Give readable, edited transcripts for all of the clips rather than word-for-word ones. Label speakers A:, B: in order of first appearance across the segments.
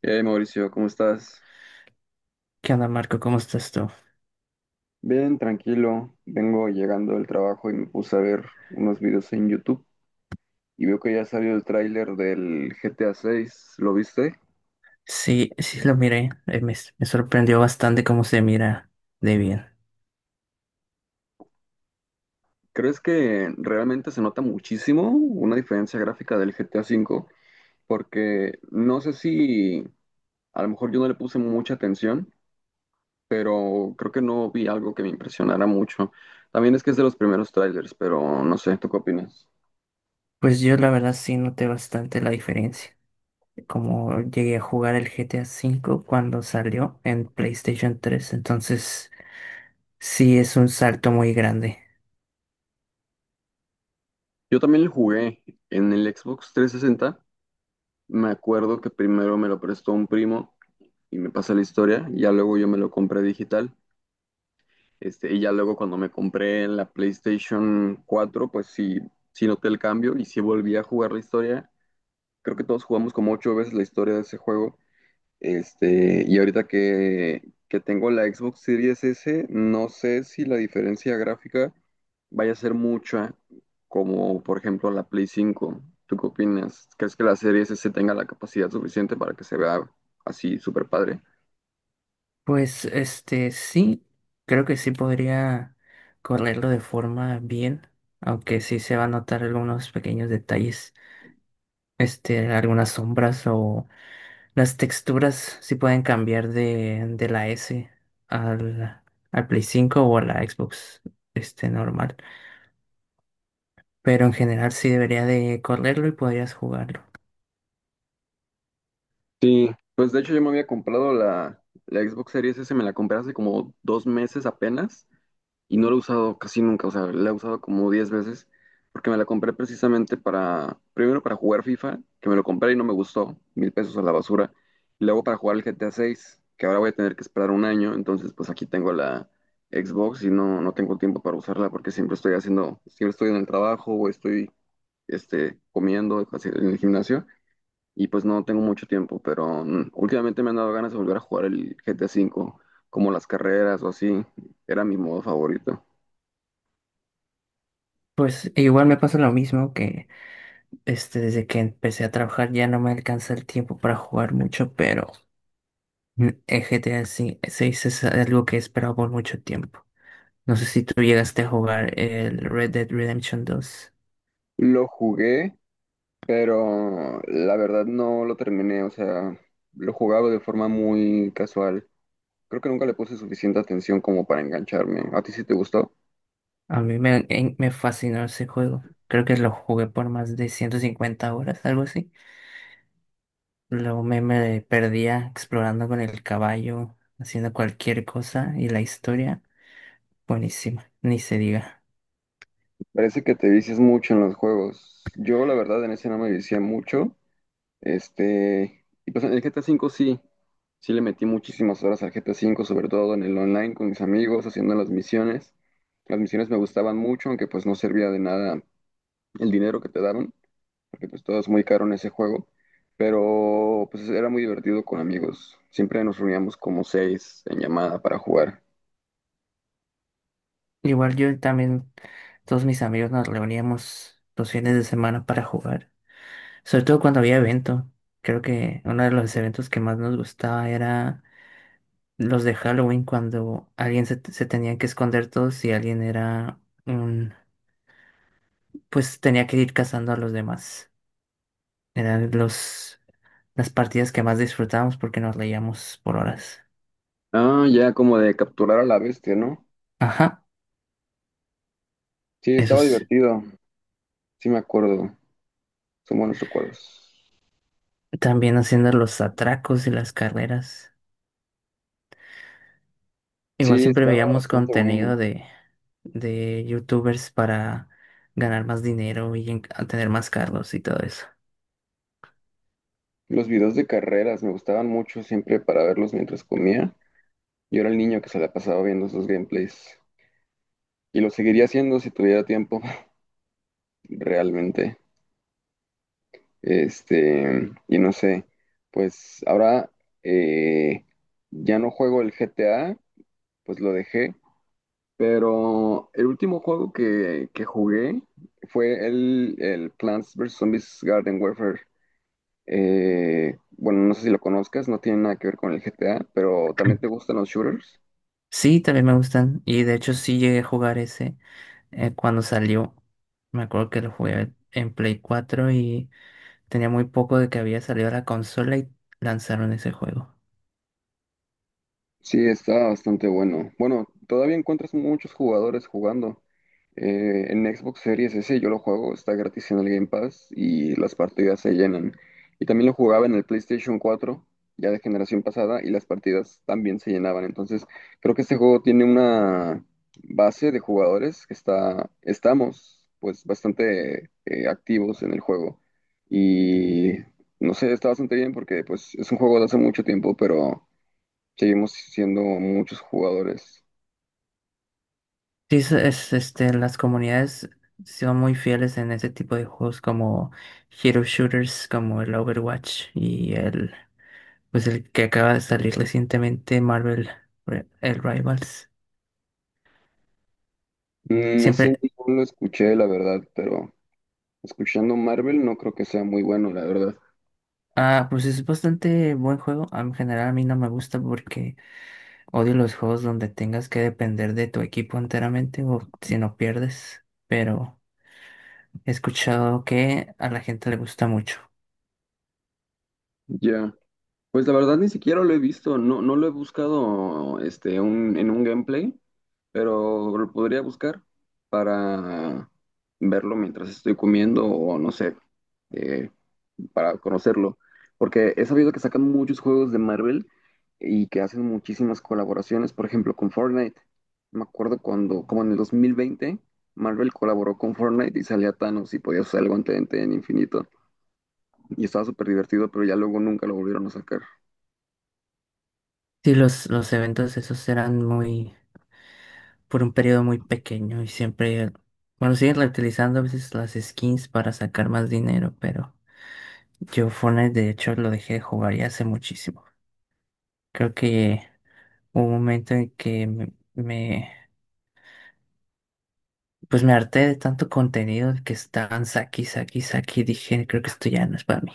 A: Hey Mauricio, ¿cómo estás?
B: ¿Qué onda, Marco? ¿Cómo estás tú?
A: Bien, tranquilo. Vengo llegando del trabajo y me puse a ver unos videos en YouTube y veo que ya salió el tráiler del GTA 6. ¿Lo viste?
B: Sí, sí lo miré. Me sorprendió bastante cómo se mira de bien.
A: ¿Crees que realmente se nota muchísimo una diferencia gráfica del GTA 5? Porque no sé si a lo mejor yo no le puse mucha atención, pero creo que no vi algo que me impresionara mucho. También es que es de los primeros trailers, pero no sé, ¿tú qué opinas?
B: Pues yo la verdad sí noté bastante la diferencia. Como llegué a jugar el GTA V cuando salió en PlayStation 3, entonces sí es un salto muy grande.
A: Yo también lo jugué en el Xbox 360. Me acuerdo que primero me lo prestó un primo y me pasa la historia, y ya luego yo me lo compré digital, y ya luego cuando me compré la PlayStation 4 pues sí, sí noté el cambio y sí volví a jugar la historia. Creo que todos jugamos como 8 veces la historia de ese juego. Y ahorita que tengo la Xbox Series S, no sé si la diferencia gráfica vaya a ser mucha, como por ejemplo la Play 5. ¿Tú qué opinas? ¿Crees que la Series S tenga la capacidad suficiente para que se vea así súper padre?
B: Pues sí, creo que sí podría correrlo de forma bien, aunque sí se va a notar algunos pequeños detalles, algunas sombras o las texturas sí pueden cambiar de la S al, al Play cinco o a la Xbox, normal. Pero en general sí debería de correrlo y podrías jugarlo.
A: Sí, pues de hecho yo me había comprado la Xbox Series S, me la compré hace como 2 meses apenas y no lo he usado casi nunca, o sea, la he usado como 10 veces porque me la compré precisamente para, primero para jugar FIFA, que me lo compré y no me gustó, 1,000 pesos a la basura, y luego para jugar el GTA 6 que ahora voy a tener que esperar un año, entonces pues aquí tengo la Xbox y no, no tengo tiempo para usarla porque siempre estoy haciendo, siempre estoy en el trabajo o estoy comiendo así, en el gimnasio y pues no tengo mucho tiempo, pero últimamente me han dado ganas de volver a jugar el GTA 5 como las carreras o así, era mi modo favorito.
B: Pues igual me pasa lo mismo que desde que empecé a trabajar ya no me alcanza el tiempo para jugar mucho, pero el GTA 6 es algo que he esperado por mucho tiempo. No sé si tú llegaste a jugar el Red Dead Redemption dos.
A: Lo jugué, pero la verdad no lo terminé, o sea, lo jugaba de forma muy casual. Creo que nunca le puse suficiente atención como para engancharme. ¿A ti sí te gustó?
B: A mí me fascinó ese juego. Creo que lo jugué por más de 150 horas, algo así. Luego me perdía explorando con el caballo, haciendo cualquier cosa. Y la historia, buenísima, ni se diga.
A: Parece que te vicias mucho en los juegos. Yo la verdad en ese no me vicié mucho. Y pues en el GTA 5 sí, sí le metí muchísimas horas al GTA 5 sobre todo en el online con mis amigos, haciendo las misiones. Las misiones me gustaban mucho, aunque pues no servía de nada el dinero que te daban, porque pues todo es muy caro en ese juego, pero pues era muy divertido con amigos. Siempre nos reuníamos como seis en llamada para jugar.
B: Igual yo también, todos mis amigos nos reuníamos los fines de semana para jugar, sobre todo cuando había evento. Creo que uno de los eventos que más nos gustaba era los de Halloween, cuando se tenía que esconder todos y alguien era... un pues tenía que ir cazando a los demás. Eran las partidas que más disfrutábamos porque nos leíamos por horas.
A: Ah, ya como de capturar a la bestia, ¿no?
B: Ajá,
A: Sí,
B: eso
A: estaba
B: es.
A: divertido, sí me acuerdo, son buenos recuerdos.
B: También haciendo los atracos y las carreras. Igual
A: Sí,
B: siempre
A: estaba
B: veíamos
A: bastante bueno.
B: contenido de youtubers para ganar más dinero a tener más carros y todo eso.
A: Los videos de carreras me gustaban mucho siempre para verlos mientras comía. Yo era el niño que se la pasaba viendo esos gameplays y lo seguiría haciendo si tuviera tiempo, realmente. Y no sé, pues ahora eh, ya no juego el GTA, pues lo dejé, pero el último juego que jugué fue el Plants vs. Zombies Garden Warfare. Bueno, no sé si lo conozcas, no tiene nada que ver con el GTA, pero ¿también te gustan los shooters?
B: Sí, también me gustan. Y de hecho sí llegué a jugar ese cuando salió. Me acuerdo que lo jugué en Play cuatro y tenía muy poco de que había salido la consola y lanzaron ese juego.
A: Sí, está bastante bueno. Bueno, todavía encuentras muchos jugadores jugando. En Xbox Series S yo lo juego, está gratis en el Game Pass y las partidas se llenan. Y también lo jugaba en el PlayStation 4, ya de generación pasada, y las partidas también se llenaban. Entonces, creo que este juego tiene una base de jugadores que estamos pues bastante activos en el juego. Y no sé, está bastante bien porque pues es un juego de hace mucho tiempo, pero seguimos siendo muchos jugadores.
B: Sí, las comunidades son muy fieles en ese tipo de juegos como Hero Shooters, como el Overwatch y pues el que acaba de salir recientemente, Marvel, el Rivals.
A: Ese
B: Siempre,
A: no lo escuché, la verdad, pero escuchando Marvel no creo que sea muy bueno, la verdad.
B: pues es bastante buen juego. En general a mí no me gusta porque odio los juegos donde tengas que depender de tu equipo enteramente o si no pierdes, pero... he escuchado que a la gente le gusta mucho.
A: Ya. Pues la verdad ni siquiera lo he visto, no, no lo he buscado en un gameplay, pero lo podría buscar para verlo mientras estoy comiendo o no sé, eh, para conocerlo. Porque he sabido que sacan muchos juegos de Marvel y que hacen muchísimas colaboraciones, por ejemplo, con Fortnite. Me acuerdo cuando, como en el 2020, Marvel colaboró con Fortnite y salía Thanos y podía usar el guante de en infinito. Y estaba súper divertido, pero ya luego nunca lo volvieron a sacar.
B: Sí, los eventos esos eran muy, por un periodo muy pequeño. Y siempre, bueno, siguen reutilizando a veces las skins para sacar más dinero, pero yo Fortnite de hecho lo dejé de jugar ya hace muchísimo. Creo que hubo un momento en que pues me harté de tanto contenido que estaban saqui, saqui, saqui, dije, creo que esto ya no es para mí.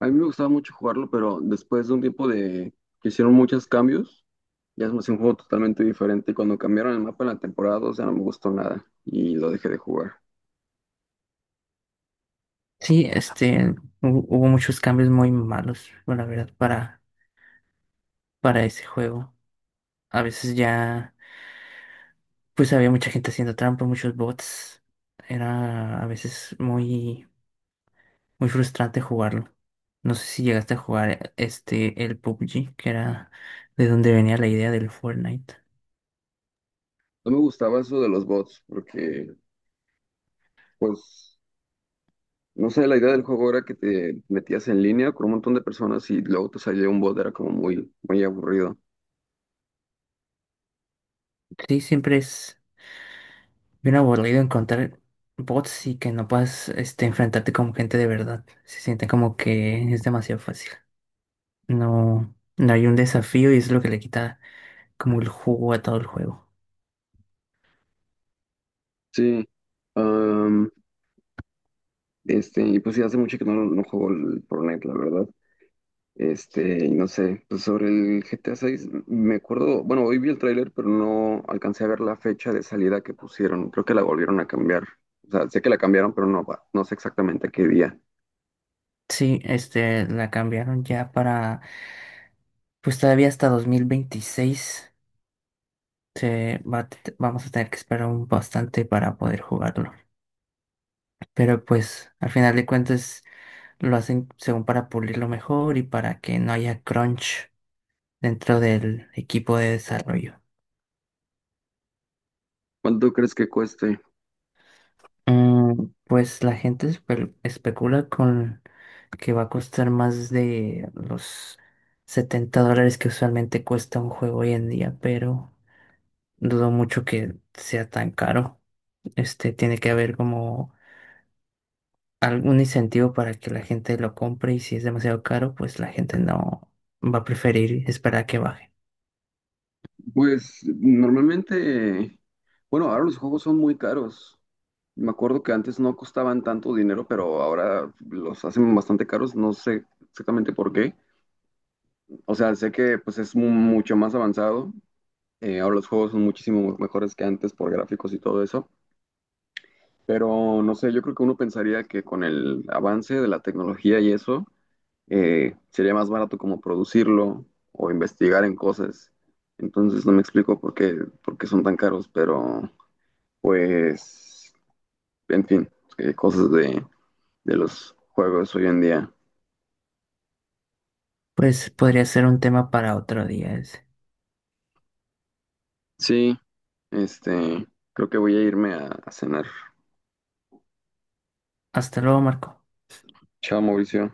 A: A mí me gustaba mucho jugarlo, pero después de un tiempo de que hicieron muchos cambios, ya es más un juego totalmente diferente. Y cuando cambiaron el mapa en la temporada 2 ya no me gustó nada y lo dejé de jugar.
B: Sí, hubo muchos cambios muy malos, bueno, la verdad, para ese juego. A veces ya, pues había mucha gente haciendo trampa, muchos bots. Era a veces muy frustrante jugarlo. No sé si llegaste a jugar el PUBG, que era de donde venía la idea del Fortnite.
A: No me gustaba eso de los bots, porque pues, no sé, la idea del juego era que te metías en línea con un montón de personas y luego te salía un bot, era como muy, muy aburrido.
B: Sí, siempre es bien aburrido encontrar bots y que no puedas enfrentarte con gente de verdad. Se siente como que es demasiado fácil. No, no hay un desafío y es lo que le quita como el jugo a todo el juego.
A: Sí, am, y pues sí, hace mucho que no, no juego el Fortnite, la verdad. Y no sé, pues sobre el GTA 6 me acuerdo, bueno, hoy vi el tráiler, pero no alcancé a ver la fecha de salida que pusieron. Creo que la volvieron a cambiar. O sea, sé que la cambiaron, pero no, no sé exactamente qué día.
B: Sí, la cambiaron ya para... pues todavía hasta 2026 se va a te- vamos a tener que esperar un bastante para poder jugarlo. Pero pues al final de cuentas lo hacen según para pulirlo mejor y para que no haya crunch dentro del equipo de desarrollo.
A: ¿Cuánto crees que cueste?
B: Pues la gente especula con que va a costar más de los 70 dólares que usualmente cuesta un juego hoy en día, pero dudo mucho que sea tan caro. Este tiene que haber como algún incentivo para que la gente lo compre, y si es demasiado caro, pues la gente no, va a preferir esperar a que baje.
A: Pues normalmente, bueno, ahora los juegos son muy caros. Me acuerdo que antes no costaban tanto dinero, pero ahora los hacen bastante caros, no sé exactamente por qué. O sea, sé que pues es mucho más avanzado. Ahora los juegos son muchísimo mejores que antes por gráficos y todo eso, pero no sé, yo creo que uno pensaría que con el avance de la tecnología y eso, sería más barato como producirlo o investigar en cosas. Entonces no me explico por qué son tan caros, pero pues, en fin, cosas de los juegos hoy en día.
B: Pues podría ser un tema para otro día ese.
A: Sí, este, creo que voy a irme a cenar.
B: Hasta luego, Marco.
A: Chao, Mauricio.